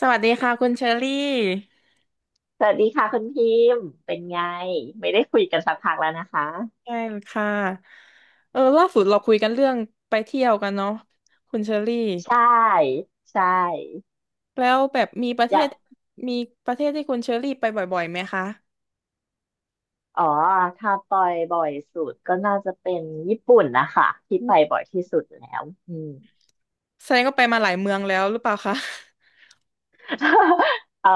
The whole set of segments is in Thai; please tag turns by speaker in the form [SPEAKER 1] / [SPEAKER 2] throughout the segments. [SPEAKER 1] สวัสดีค่ะคุณเชอรี่
[SPEAKER 2] สวัสดีค่ะคุณพิมพ์เป็นไงไม่ได้คุยกันสักพักแล้วนะคะ
[SPEAKER 1] ใช่ค่ะล่าสุดเราคุยกันเรื่องไปเที่ยวกันเนาะคุณเชอรี่
[SPEAKER 2] ใช่ใช่
[SPEAKER 1] แล้วแบบมีประเท
[SPEAKER 2] อยา
[SPEAKER 1] ศ
[SPEAKER 2] ก
[SPEAKER 1] มีประเทศที่คุณเชอรี่ไปบ่อยๆไหมคะ
[SPEAKER 2] อ๋อถ้าปอยบ่อยสุดก็น่าจะเป็นญี่ปุ่นนะคะที่
[SPEAKER 1] อื
[SPEAKER 2] ไป
[SPEAKER 1] ม
[SPEAKER 2] บ่อยที่สุดแล้วอืม
[SPEAKER 1] แสดงก็ไปมาหลายเมืองแล้วหรือเปล่าคะ
[SPEAKER 2] เอ่อ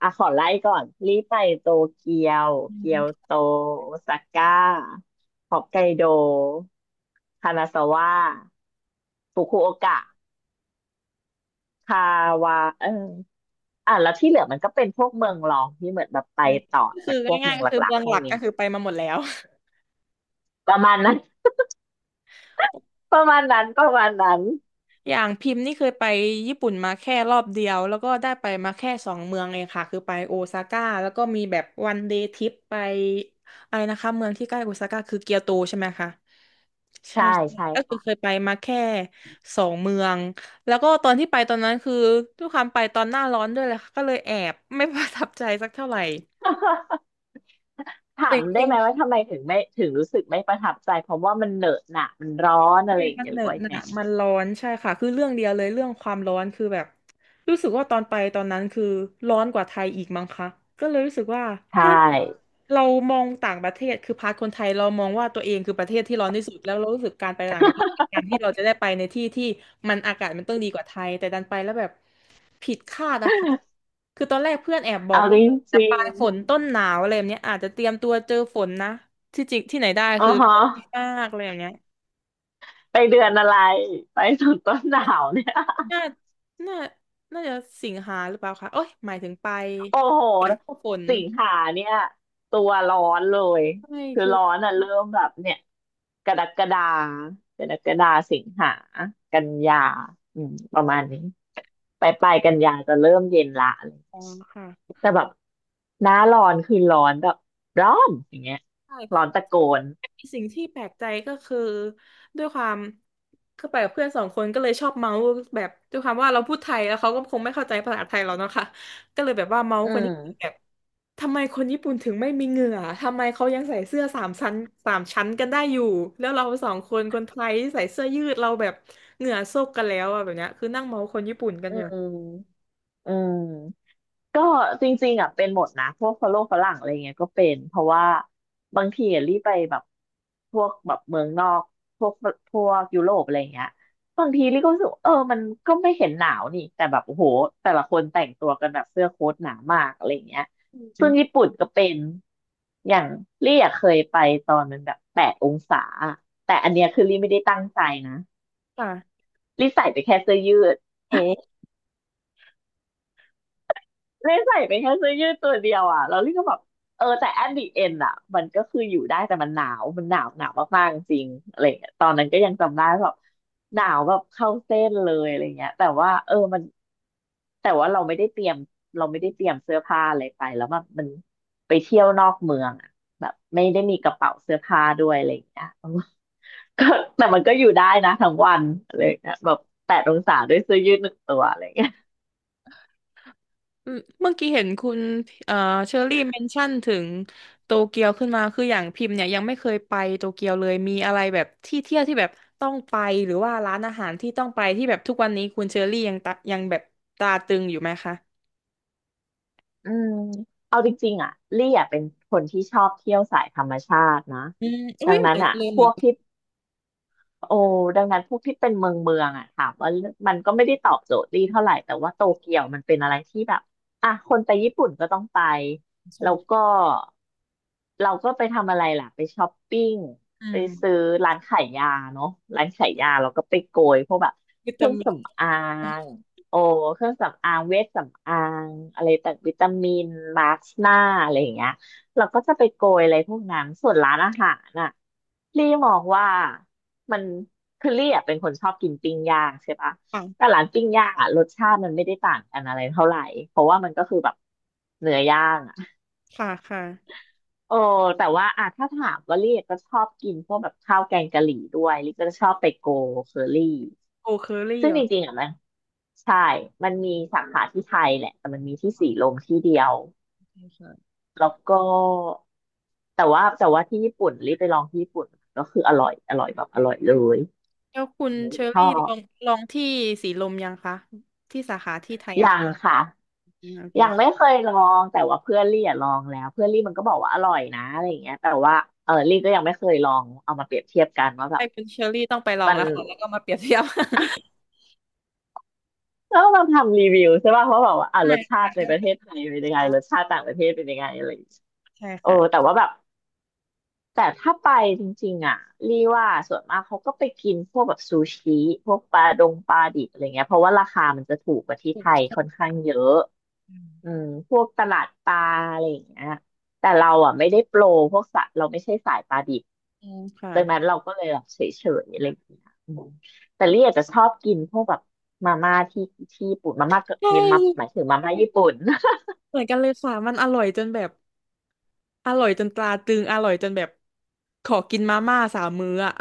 [SPEAKER 2] อ่ะขอไล่ก่อนรีบไปโตเกียว
[SPEAKER 1] อื
[SPEAKER 2] เกียว
[SPEAKER 1] ม
[SPEAKER 2] โตโอซาก้าฮอกไกโดคานาซาวะฟุกุโอกะ คาวาเอออ่ะแล้วที่เหลือมันก็เป็นพวกเมืองรองที่เหมือนแบบไป
[SPEAKER 1] เออ
[SPEAKER 2] ต่อ
[SPEAKER 1] ก็
[SPEAKER 2] จา
[SPEAKER 1] คือ
[SPEAKER 2] กพวก
[SPEAKER 1] ง่า
[SPEAKER 2] เมื
[SPEAKER 1] ย
[SPEAKER 2] อ
[SPEAKER 1] ๆ
[SPEAKER 2] ง
[SPEAKER 1] ก็
[SPEAKER 2] ห
[SPEAKER 1] คือ
[SPEAKER 2] ลัก
[SPEAKER 1] เมือง
[SPEAKER 2] ๆพ
[SPEAKER 1] ห
[SPEAKER 2] วก
[SPEAKER 1] ลัก
[SPEAKER 2] เนี้
[SPEAKER 1] ก็
[SPEAKER 2] ย
[SPEAKER 1] คือไปมาหมดแล้ว
[SPEAKER 2] ประมาณนั้น ประมาณนั้น
[SPEAKER 1] อย่างพิมพ์นี่เคยไปญี่ปุ่นมาแค่รอบเดียวแล้วก็ได้ไปมาแค่สองเมืองเองค่ะคือไปโอซาก้าแล้วก็มีแบบวันเดย์ทริปไปอะไรนะคะเมืองที่ใกล้โอซาก้าคือเกียวโตใช่ไหมคะ ใช่
[SPEAKER 2] ใช่
[SPEAKER 1] ใช่
[SPEAKER 2] ใช่
[SPEAKER 1] ก็คือ
[SPEAKER 2] ค่ะ
[SPEAKER 1] เคยไปมาแค่สองเมือง แล้วก็ตอนที่ไปตอนนั้นคือทุกครั้งไปตอนหน้าร้อนด้วยแหละค่ะก็เลยแอบไม่ ประทับใจสักเท่าไหร่
[SPEAKER 2] ถา
[SPEAKER 1] จ
[SPEAKER 2] มได้
[SPEAKER 1] ริง
[SPEAKER 2] ไหมว่า
[SPEAKER 1] ๆ
[SPEAKER 2] ทำไมถึงรู้สึกไม่ประทับใจเพราะว่ามันเหนอะหนะมันร้อนอะ
[SPEAKER 1] ใช่
[SPEAKER 2] ไรอย่าง
[SPEAKER 1] มัน
[SPEAKER 2] เงี้ย
[SPEAKER 1] เห
[SPEAKER 2] ห
[SPEAKER 1] น
[SPEAKER 2] รือ
[SPEAKER 1] อะ
[SPEAKER 2] ว่า
[SPEAKER 1] ห
[SPEAKER 2] ยังไง
[SPEAKER 1] นะมันร้อนใช่ค่ะคือเรื่องเดียวเลยเรื่องความร้อนคือแบบรู้สึกว่าตอนไปตอนนั้นคือร้อนกว่าไทยอีกมั้งคะก็เลยรู้สึกว่า
[SPEAKER 2] ใช
[SPEAKER 1] เฮ้ย
[SPEAKER 2] ่
[SPEAKER 1] เรามองต่างประเทศคือพาร์ทคนไทยเรามองว่าตัวเองคือประเทศที่ร้อนที่สุดแล้วเรารู้สึกการไปต่างประเทศเป็นการที่เราจะได้ไปในที่ที่มันอากาศมันต้องดีกว่าไทยแต่ดันไปแล้วแบบผิดคาดอะค่ะ คือตอนแรกเพื่อนแอบบอ
[SPEAKER 2] เอา
[SPEAKER 1] ก
[SPEAKER 2] จ
[SPEAKER 1] ว่าจะ
[SPEAKER 2] ริ
[SPEAKER 1] ปลา
[SPEAKER 2] ง
[SPEAKER 1] ยฝนต้นหนาวอะไรแบบเนี้ยอาจจะเตรียมตัวเจอฝนนะที่จริงที่ไหนได้
[SPEAKER 2] ๆอ๋อ
[SPEAKER 1] คือ
[SPEAKER 2] ฮะ
[SPEAKER 1] ร้อนมากเลยแบบเนี้ย
[SPEAKER 2] ไปเดือนอะไรไปถึงต้นหนาวเนี่ย
[SPEAKER 1] น่าน่าน่าจะสิงหาหรือเปล่าคะโอ้ย หมายถึงไป
[SPEAKER 2] โอ้โห
[SPEAKER 1] ฝนก็ฝน
[SPEAKER 2] สิงหาเนี่ยตัวร้อนเลย
[SPEAKER 1] ใช่
[SPEAKER 2] คือ
[SPEAKER 1] คือ
[SPEAKER 2] ร้อนอ่ะเริ่มแบบเนี่ยกรกฎากรกฎาสิงหา กันยาอืมประมาณนี้ไปลายๆกันยาจะเริ่มเย็นละอะไรอย่างเงี้
[SPEAKER 1] ร้
[SPEAKER 2] ย
[SPEAKER 1] องค่ะ
[SPEAKER 2] แต่แบบหน้าร้อนคือร้อนแบบร้อนอย่างเงี้ยร้อ
[SPEAKER 1] ใช่
[SPEAKER 2] นตะโกน
[SPEAKER 1] มีสิ่งที่แปลกใจก็คือ ด้วยความคือไปกับเพื่อนสองคนก็เลยชอบเมาส์แบบด้วยความว่าเราพูดไทยแล้วเขาก็คงไม่เข้าใจภาษาไทยเราเนาะค่ะก็เลยแบบว่าเมาส์
[SPEAKER 2] อื
[SPEAKER 1] คนญี่ปุ่นแบ
[SPEAKER 2] ม
[SPEAKER 1] บทำไมคนญี่ปุ่นถึงไม่มีเหงื่อทำไมเขายังใส่เสื้อสามชั้นสามชั้นกันได้อยู่ แล้วเราสองคนคนไทยที่ใส่เสื้อยืดเราแบบเหงื่อโซกกันแล้วอะแบบเนี้ยคือนั่งเมาส์คนญี่ปุ่นกัน
[SPEAKER 2] อื
[SPEAKER 1] อยู่
[SPEAKER 2] มอืม ก็จริงๆอ่ะเป็นหมดนะพวกฝรั่งอะไรเงี้ยก็เป็นเพราะว่าบางทีอะรีบไปแบบพวกแบบเมืองนอกพวกพวกยุโรปอะไรเงี้ยบางทีรีก็รู้สึกว่าเออมันก็ไม่เห็นหนาวนี่แต่แบบโอ้โหแต่ละคนแต่งตัวกันแบบเสื้อโค้ทหนามากอะไรเงี้ยซึ่งญี่ปุ่นก็เป็นอย่างรีอะเคยไปตอนมันแบบแปดองศาแต่อันเนี้ยคือรีไม่ได้ตั้งใจนะ
[SPEAKER 1] ค่ะ
[SPEAKER 2] รีใส่ไปแค่เสื้อยืด
[SPEAKER 1] โอ้
[SPEAKER 2] เลยใส่ไปแค่เสื้อยืดตัวเดียวอ่ะแล้วลี่ก็แบบเออแต่ at the end อ่ะมันก็คืออยู่ได้แต่มันหนาวมันหนาวมากๆจริงๆอะไรเงี้ยตอนนั้นก็ยังจำได้แบบหนาวแบบเข้าเส้นเลยอะไรเงี้ยแต่ว่าเออมันแต่ว่าเราไม่ได้เตรียมเราไม่ได้เตรียมเสื้อผ้าอะไรไปแล้วมันไปเที่ยวนอกเมืองอ่ะแบบไม่ได้มีกระเป๋าเสื้อผ้าด้วยอะไรเงี้ยก็แต่มันก็อยู่ได้นะทั้งวันอะไรเงี้ยแบบแปดองศาด้วยเสื้อยืดหนึ่งตัวอะไรเงี้ย
[SPEAKER 1] อืมเมื่อกี้เห็นคุณเอ่อเชอรี่เมนชั่นถึงโตเกียวขึ้นมาคืออย่างพิมพ์เนี่ยยังไม่เคยไปโตเกียวเลยมีอะไรแบบที่เที่ยวที่แบบต้องไปหรือว่าร้านอาหารที่ต้องไปที่แบบทุกวันนี้คุณเชอรี่ยังแบบตราตรึงอยู่ไหมคะ
[SPEAKER 2] อืมเอาจริงๆอ่ะลี่อ่ะเป็นคนที่ชอบเที่ยวสายธรรมชาตินะ
[SPEAKER 1] อืม
[SPEAKER 2] ดั
[SPEAKER 1] อุ้ย
[SPEAKER 2] ง
[SPEAKER 1] เหมือ
[SPEAKER 2] นั้
[SPEAKER 1] น
[SPEAKER 2] น
[SPEAKER 1] กัน
[SPEAKER 2] อ่ะ
[SPEAKER 1] เลย
[SPEAKER 2] พ
[SPEAKER 1] เหมือ
[SPEAKER 2] ว
[SPEAKER 1] น
[SPEAKER 2] ก
[SPEAKER 1] กัน
[SPEAKER 2] ที่ โอ้ดังนั้นพวกที่เป็นเมืองอะถามว่ามันก็ไม่ได้ตอบโจทย์ลี่เท่าไหร่แต่ว่าโตเกียวมันเป็นอะไรที่แบบอ่ะคนไปญี่ปุ่นก็ต้องไป
[SPEAKER 1] ใช
[SPEAKER 2] แล้ว
[SPEAKER 1] ่
[SPEAKER 2] ก็เราก็ไปทำอะไรล่ะไปช้อปปิ้ง
[SPEAKER 1] อื
[SPEAKER 2] ไป
[SPEAKER 1] ม
[SPEAKER 2] ซื้อร้านขายยาเนาะร้านขายยาเราก็ไปโกยพวกแบบ
[SPEAKER 1] วิ
[SPEAKER 2] เค
[SPEAKER 1] ตา
[SPEAKER 2] รื่อง
[SPEAKER 1] มิน
[SPEAKER 2] สำอางโอ้เครื่องสำอางเวชสำอางอะไรต่างวิตามินมาสก์หน้าอะไรอย่างเงี้ยเราก็จะไปโกยอะไรพวกนั้นส่วนร้านอาหารน่ะลี่มองว่า มันคือลี่อะเป็นคนชอบกินปิ้งย่างใช่ปะ
[SPEAKER 1] ปัง
[SPEAKER 2] แต่ร้านปิ้งย่างอะรสชาติมันไม่ได้ต่างกันอะไรเท่าไหร่เพราะว่ามันก็คือแบบเนื้อย่างอะ
[SPEAKER 1] ค่ะค่ะ
[SPEAKER 2] โอ้แต่ว่าอะถ้าถามว่าลี่ก็ชอบกินพวกแบบข้าวแกงกะหรี่ด้วยลี่ก็จะชอบไปโกเคอรี่
[SPEAKER 1] โอเคอรี่
[SPEAKER 2] ซึ่
[SPEAKER 1] เห
[SPEAKER 2] ง
[SPEAKER 1] ร
[SPEAKER 2] จ
[SPEAKER 1] อ
[SPEAKER 2] ริงๆอะมันใช่มันมีสาขาที่ไทยแหละแต่มันมีที่สีลมที่เดียว
[SPEAKER 1] ใช่ค่ะ
[SPEAKER 2] แล้วก็แต่ว่าที่ญี่ปุ่นรีบไปลองที่ญี่ปุ่นก็คืออร่อยอร่อยแบบอร่อยเลย
[SPEAKER 1] แล้วคุณเชอ
[SPEAKER 2] ชอ
[SPEAKER 1] รี่ล
[SPEAKER 2] บ
[SPEAKER 1] องลองที่สีลมยังคะที่สาขาที่ไทยอะ
[SPEAKER 2] ยัง
[SPEAKER 1] ค่ะ
[SPEAKER 2] ค่ะ
[SPEAKER 1] อืมโอเค
[SPEAKER 2] ยังไม่เคยลองแต่ว่าเพื่อนลี่อะลองแล้วเพื่อนลี่มันก็บอกว่าอร่อยนะอะไรอย่างเงี้ยแต่ว่าเออลี่ก็ยังไม่เคยลองเอามาเปรียบเทียบกันว่าแบ
[SPEAKER 1] ใช่
[SPEAKER 2] บ
[SPEAKER 1] คุณเชอรี่ต้องไปลอง
[SPEAKER 2] มัน
[SPEAKER 1] แล้วค่ะแล้วก็มาเปรียบเทียบ
[SPEAKER 2] แล้วเราทำรีวิวใช่ป่ะเพราะแบบว่า อ่ะ
[SPEAKER 1] ใช่
[SPEAKER 2] รสชา
[SPEAKER 1] ค่ะ
[SPEAKER 2] ติใน
[SPEAKER 1] ได้
[SPEAKER 2] ประ
[SPEAKER 1] ไป
[SPEAKER 2] เทศไท
[SPEAKER 1] น
[SPEAKER 2] ยเป็นยังไง
[SPEAKER 1] ชา
[SPEAKER 2] รสชาติต่างประเทศเป็นยังไงอะไรอย่างเงี้ย
[SPEAKER 1] ใช่
[SPEAKER 2] โอ้
[SPEAKER 1] ค่ะ
[SPEAKER 2] แต่ว่าแบบ แต่ถ้าไปจริงๆอ่ะรีว่าส่วนมากเขาก็ไปกินพวกแบบซูชิพวกปลาดงปลาดิบอะไรเงี้ยเพราะว่าราคามันจะถูกกว่าที่
[SPEAKER 1] ถู
[SPEAKER 2] ไท
[SPEAKER 1] ก
[SPEAKER 2] ยค่อนข้างเยอะ
[SPEAKER 1] อืม
[SPEAKER 2] อืมพวกตลาดปลาอะไรอย่างเงี้ยแต่เราอ่ะไม่ได้โปรพวกสัตว์เราไม่ใช่สายปลาดิบ
[SPEAKER 1] อืมค่ะ
[SPEAKER 2] ดังนั้นเราก็เลยแบบเฉยๆอะไรอย่างเงี้ยอืมแต่ลี่อาจจะชอบกินพวกแบบมาม่าที่ญี่ปุ่นมาม่าก็
[SPEAKER 1] ใช่
[SPEAKER 2] มีมาหมายถึงมาม่าญี่
[SPEAKER 1] ใช่
[SPEAKER 2] ปุ่น
[SPEAKER 1] เหมือนกันเลยค่ะมันอร่อยจนแบบอร่อยจนตราตรึงอร่อยจนแบบขอกินมาม่าสามมื้ออ่ะ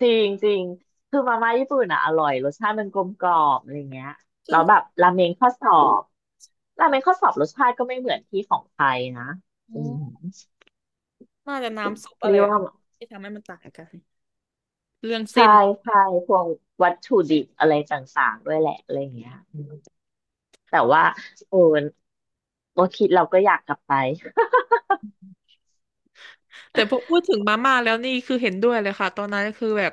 [SPEAKER 2] จริงจริงคือมาม่าญี่ปุ่นอ่ะอร่อยรสชาติมันกลมกล่อมอะไรเงี้ย
[SPEAKER 1] คือ
[SPEAKER 2] แล้วแบบราเมงข้อสอบราเมงข้อสอบรสชาติก็ไม่เหมือนที่ของไทยนะอื
[SPEAKER 1] อื
[SPEAKER 2] ม
[SPEAKER 1] มน่าจะน้ำซุปอะ
[SPEAKER 2] เรี
[SPEAKER 1] ไร
[SPEAKER 2] ยกว่า
[SPEAKER 1] ที่ทำให้มันต่างกันเรื่อง
[SPEAKER 2] ใช่
[SPEAKER 1] เส้น
[SPEAKER 2] ใช่พวกวัตถุดิบอะไรต่างๆด้วยแหละอะไรเงี้ยอืมแต่ว่าโอ้โอคิดเราก็อยากกลับไป
[SPEAKER 1] แต่พอพูดถึงมาม่าแล้วนี่คือเห็นด้วยเลยค่ะตอนนั้นคือแบบ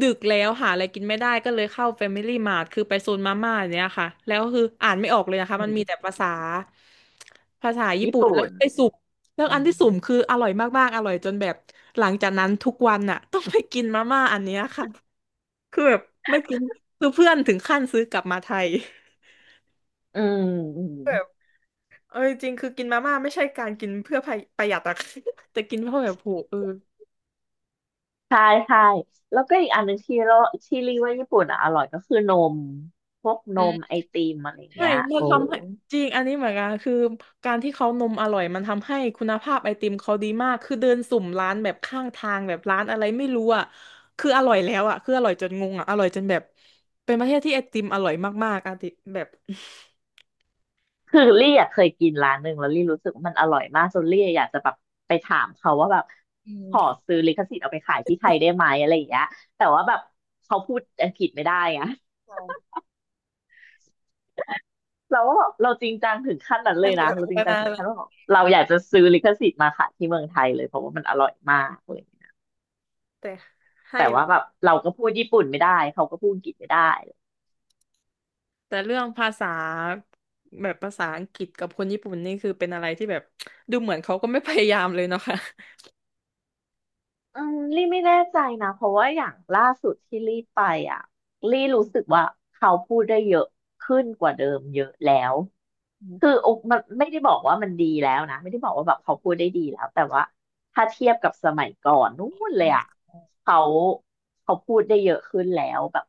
[SPEAKER 1] ดึกแล้วหาอะไรกินไม่ได้ก็เลยเข้า Family Mart คือไปโซนมาม่าอย่างเนี้ยค่ะแล้วคืออ่านไม่ออกเลยนะคะ
[SPEAKER 2] อื
[SPEAKER 1] มันมีแต่
[SPEAKER 2] ม
[SPEAKER 1] ภาษาภาษาญี่
[SPEAKER 2] ญี่
[SPEAKER 1] ปุ่นแล้
[SPEAKER 2] ปุ่
[SPEAKER 1] ว
[SPEAKER 2] น
[SPEAKER 1] ไปสุ่มแล้ว
[SPEAKER 2] อื
[SPEAKER 1] อัน
[SPEAKER 2] ม
[SPEAKER 1] ที่สุ่มคืออร่อยมากๆอร่อยจนแบบหลังจากนั้นทุกวันน่ะ ต้องไปกินมาม่าอันเนี้ยค่ะคือแบบไม่กินคือเพื่อนถึงขั้นซื้อกลับมาไทย
[SPEAKER 2] อืม
[SPEAKER 1] เออจริงคือกินมาม่าไม่ใช่การกินเพื่อประหยัดอะ แต่กินเพราะแบบโหเออ
[SPEAKER 2] ใช่ใช่แล้วก็อีกอันหนึ่งที่เราที่รีว่าญี่ปุ่นอ่ะอร่อยก็คือนมพวกนมไอติมอะไรอย่าง
[SPEAKER 1] ใช่
[SPEAKER 2] เงี้ย
[SPEAKER 1] มัน
[SPEAKER 2] โอ้
[SPEAKER 1] ทำให้จริง อันนี้เหมือนกันคือการที่เขานมอร่อยมันทำให้คุณภาพไอติมเขาดีมากคือเดินสุ่มร้านแบบข้างทางแบบร้านอะไรไม่รู้อ่ะคืออร่อยแล้วอ่ะคืออร่อยจนงงอ่ะอร่อยจนแบบเป็นประเทศที่ไอติมอร่อยมากๆอะติแบบ
[SPEAKER 2] คือลี่อะเคยกินร้านหนึ่งแล้วรี่รู้สึกว่ามันอร่อยมากจนลี่อยากจะแบบไปถามเขาว่าแบบ
[SPEAKER 1] อื
[SPEAKER 2] ขอ
[SPEAKER 1] ม
[SPEAKER 2] ซื้อลิขสิทธิ์เอาไปขายที่ไทยได้ไหมอะไรอย่างเงี้ยแต่ว่าแบบเขาพูดอังกฤษไม่ได้ไงเราก็แบบเราจริงจังถึงขั้นนั้นเล
[SPEAKER 1] มัน
[SPEAKER 2] ย
[SPEAKER 1] แบ
[SPEAKER 2] นะ
[SPEAKER 1] บ
[SPEAKER 2] เราจริ
[SPEAKER 1] มา
[SPEAKER 2] งจัง
[SPEAKER 1] นา
[SPEAKER 2] ถึ
[SPEAKER 1] น
[SPEAKER 2] ง
[SPEAKER 1] แล้ว
[SPEAKER 2] ขั้นว่าแบบเราอยากจะซื้อลิขสิทธิ์มาขายที่เมืองไทยเลยเพราะว่ามันอร่อยมากเลย
[SPEAKER 1] แต่ให้
[SPEAKER 2] แต่
[SPEAKER 1] เล
[SPEAKER 2] ว่าแบ
[SPEAKER 1] ย
[SPEAKER 2] บเราก็พูดญี่ปุ่นไม่ได้เขาก็พูดอังกฤษไม่ได้
[SPEAKER 1] แต่เรื่องภาษาแบบภาษาอังกฤษกับคนญี่ปุ่นนี่คือเป็นอะไรที่แบบดูเหมือนเขาก็ไม่พยายามเลยเนาะค่ะ
[SPEAKER 2] อืมลี่ไม่แน่ใจนะเพราะว่าอย่างล่าสุดที่ลี่ไปอ่ะลี่รู้สึกว่าเขาพูดได้เยอะขึ้นกว่าเดิมเยอะแล้วคืออกมันไม่ได้บอกว่ามันดีแล้วนะไม่ได้บอกว่าแบบเขาพูดได้ดีแล้วแต่ว่าถ้าเทียบกับสมัยก่อนนู่นเลยอ่ะเขาเขาพูดได้เยอะขึ้นแล้วแบบ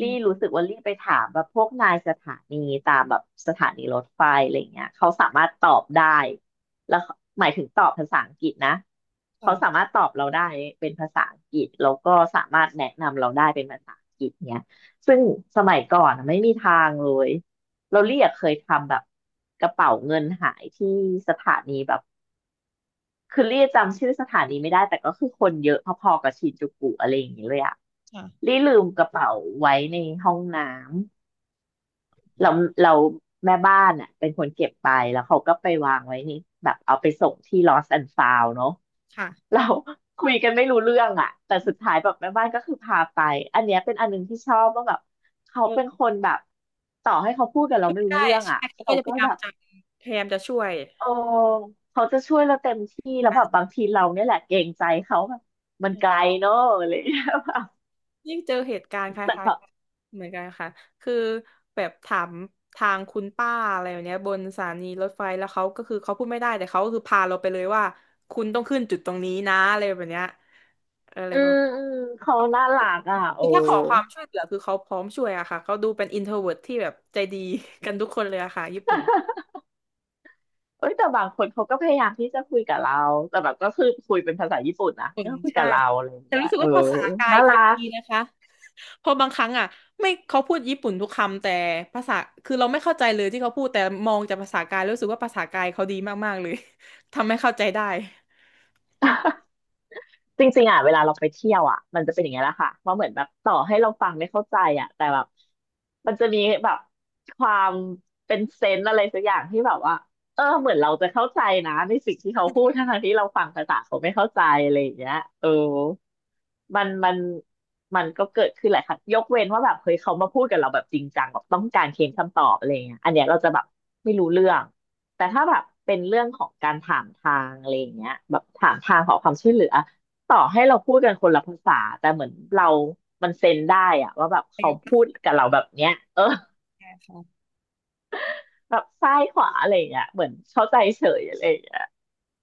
[SPEAKER 2] ลี่รู้สึกว่าลี่ไปถามแบบพวกนายสถานีตามแบบสถานีรถไฟอะไรเงี้ยเขาสามารถตอบได้ แล้วหมายถึงตอบภาษาอังกฤษนะเขาสามารถตอบเราได้เป็นภาษาอังกฤษแล้วก็สามารถแนะนำเราได้เป็นภาษาอังกฤษเนี้ยซึ่งสมัยก่อนอะไม่มีทางเลยเราเรียกเคยทำแบบกระเป๋าเงินหายที่สถานีแบบคือเรียกจำชื่อสถานีไม่ได้แต่ก็คือคนเยอะพอๆกับชินจูกุอะไรอย่างเงี้ยเลยอะรีลืมกระเป๋าไว้ในห้องน้ำ เราเราแม่บ้านอ่ะเป็นคนเก็บไปแล้วเขาก็ไปวางไว้นี่แบบเอาไปส่งที่ Lost and Found เนอะ
[SPEAKER 1] ค่ะ
[SPEAKER 2] เรา คุยกันไม่รู้เรื่องอ่ะแต่สุดท้ายแบบแม่บ้านก็คือพาไปอันเนี้ยเป็นอันหนึงที่ชอบว่าแบบเขาเป็นคนแบบต่อให้เขาพูดกับเราไม่รู้
[SPEAKER 1] ใช่
[SPEAKER 2] เรื่องอ่ะ
[SPEAKER 1] ใช่เขาก็
[SPEAKER 2] เขา
[SPEAKER 1] จะพ
[SPEAKER 2] ก็
[SPEAKER 1] ยายา
[SPEAKER 2] แบ
[SPEAKER 1] ม
[SPEAKER 2] บ
[SPEAKER 1] จะพยายามจะช่วย
[SPEAKER 2] โอ้เขาจะช่วยเราเต็มที่แล้วแบบบางทีเราเนี่ยแหละเกรงใจเขาแบบมันไกลเนอะอะไรอย่างเลย
[SPEAKER 1] ยิ่งเจอเหตุการณ์ค
[SPEAKER 2] แต่
[SPEAKER 1] ล้าย
[SPEAKER 2] เขา
[SPEAKER 1] ๆกันเหมือนกันค่ะคือแบบถามทางคุณป้าอะไรแบบเนี้ยบนสถานีรถไฟแล้วเขาก็คือเขาพูดไม่ได้แต่เขาก็คือพาเราไปเลยว่าคุณต้องขึ้นจุดตรงนี้นะอะไรแบบเนี้ยอะไร
[SPEAKER 2] อื
[SPEAKER 1] ประ
[SPEAKER 2] ม
[SPEAKER 1] มาณ
[SPEAKER 2] อืมเขาน่ารักอ่ะโอ้
[SPEAKER 1] คือถ้าขอความช่วยเหลือคือเขาพร้อมช่วยอะค่ะเขาดูเป็นอินโทรเวิร์ตที่แบบใจดี กันทุกคนเลยอะค่ะญี่ปุ่น
[SPEAKER 2] เอ้ยแต่บางคนเขาก็พยายามที่จะคุยกับเราแต่แบบก็คือคุยเป็นภาษาญี่ปุ่นนะ
[SPEAKER 1] ผล
[SPEAKER 2] ก็คุย
[SPEAKER 1] ใช่
[SPEAKER 2] กับเราอะไรอย่าง
[SPEAKER 1] แต่
[SPEAKER 2] เงี้ย
[SPEAKER 1] รู้สึก
[SPEAKER 2] เออ
[SPEAKER 1] ว่าภาษากาย
[SPEAKER 2] น่า
[SPEAKER 1] เขา
[SPEAKER 2] รัก
[SPEAKER 1] ดีนะคะเพอบางครั้งอ่ะไม่เขาพูดญี่ปุ่นทุกคำแต่ภาษาคือเราไม่เข้าใจเลยที่เขาพูดแต่มองจากภาษากายรู้สึกว่าภาษากายเขาดีมากๆเลย ทำให้เข้าใจได้
[SPEAKER 2] จริงๆอ่ะเวลาเราไปเที่ยวอ่ะมันจะเป็นอย่างเงี้ยแหละค่ะว่าเหมือนแบบต่อให้เราฟังไม่เข้าใจอ่ะแต่แบบมันจะมีแบบความเป็นเซนส์อะไรสักอย่างที่แบบว่าเออเหมือนเราจะเข้าใจนะในสิ่งที่เขาพูดทั้งๆที่เราฟังภาษาเขาไม่เข้าใจอะไรอย่างเงี้ยเออ มันมันมันก็เกิดขึ้นหลายครั้งยกเว้นว่าแบบเฮ้ยเขามาพูดกับเราแบบจริงจังแบบต้องการเค้นคำตอบอะไรเงี้ยอันเนี้ยเราจะแบบไม่รู้เรื่องแต่ถ้าแบบเป็นเรื่องของการถามทางอะไรเงี้ยแบบถามทางขอความช่วยเหลือต่อให้เราพูดกันคนละภาษาแต่เหมือนเรามันเซนได้อะว่าแบบ
[SPEAKER 1] ใ
[SPEAKER 2] เขาพู
[SPEAKER 1] ช่
[SPEAKER 2] ดกับเราแบบเนี้ยเออ
[SPEAKER 1] ค่ะ
[SPEAKER 2] แบบซ้ายขวาอะไรเงี้ยเหมือนเข้าใจเฉยอะไรเงี้ย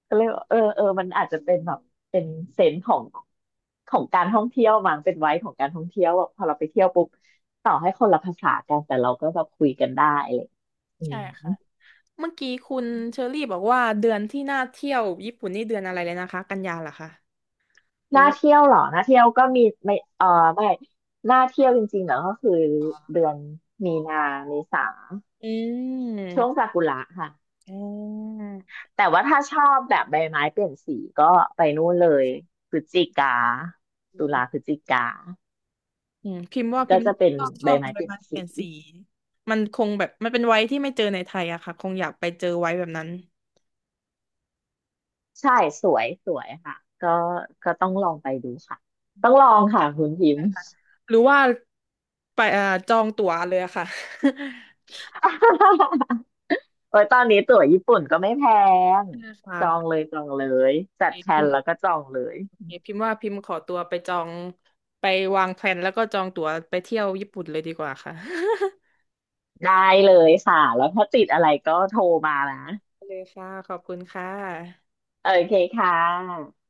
[SPEAKER 2] ก็เลยบอกเออเออมันอาจจะเป็นแบบเป็นเซนส์ของการท่องเที่ยวมั้งเป็นไว้ของการท่องเที่ยวแบบพอเราไปเที่ยวปุ๊บต่อให้คนละภาษากันแต่เราก็แบบคุยกันได้อะไรอย่างเลยอื
[SPEAKER 1] ใช่
[SPEAKER 2] ม
[SPEAKER 1] ค่ะเมื่อกี้คุณเชอรี่บอกว่าเดือนที่น่าเที่ยวญี่ปุ่นนี่เดือนอะไรเลยนะคะกันยาเหรอคะหรือ
[SPEAKER 2] น่า
[SPEAKER 1] ว่า
[SPEAKER 2] เที่ยวเหรอน่าเที่ยวก็มีไม่เออไม่น่าเที่ยวจริงๆเหรอก็คือเดือนมีนาเมษา
[SPEAKER 1] อื
[SPEAKER 2] ช่วง
[SPEAKER 1] ม
[SPEAKER 2] ซากุระค่ะ
[SPEAKER 1] อ่
[SPEAKER 2] แต่ว่าถ้าชอบแบบใบไม้เปลี่ยนสีก็ไปนู่นเลยพฤศจิกาตุลา
[SPEAKER 1] า
[SPEAKER 2] พฤศจิกา
[SPEAKER 1] อืมพิมพ์ว่าพิ
[SPEAKER 2] ก็
[SPEAKER 1] มพ์
[SPEAKER 2] จะเป็น
[SPEAKER 1] ชอบ
[SPEAKER 2] ใบ
[SPEAKER 1] ช่วง
[SPEAKER 2] ไม้
[SPEAKER 1] ใบ
[SPEAKER 2] เปลี่ยน
[SPEAKER 1] ไม้เป
[SPEAKER 2] สี
[SPEAKER 1] ลี่ยนสีมันคงแบบมันเป็นไว้ที่ไม่เจอในไทยอะค่ะคงอยากไปเจอไว้แบบนั้น
[SPEAKER 2] ใช่สวยสวยค่ะก็ก็ต้องลองไปดูค่ะต้องลองค่ะคุณพิมพ์
[SPEAKER 1] หรือว่าไปจองตั๋วเลยอะค่ะ
[SPEAKER 2] โอ้ยตอนนี้ตั๋วญี่ปุ่นก็ไม่แพง
[SPEAKER 1] ใช่ค่ะ
[SPEAKER 2] จองเลย
[SPEAKER 1] โอ
[SPEAKER 2] จั
[SPEAKER 1] เค
[SPEAKER 2] ดแพล
[SPEAKER 1] พิ
[SPEAKER 2] น
[SPEAKER 1] มพ์
[SPEAKER 2] แล้วก็จองเลย
[SPEAKER 1] โอเคพิมพ์ว่าพิมพ์ขอตัวไปจองไปวางแผนแล้วก็จองตั๋วไปเที่ยวญี่ปุ่นเลยดีกว่าค่ะ
[SPEAKER 2] ได้เลยค่ะแล้วถ้าติดอะไรก็โทรมานะ
[SPEAKER 1] เลยค่ะขอบคุณค่ะ
[SPEAKER 2] โอเคค่ะ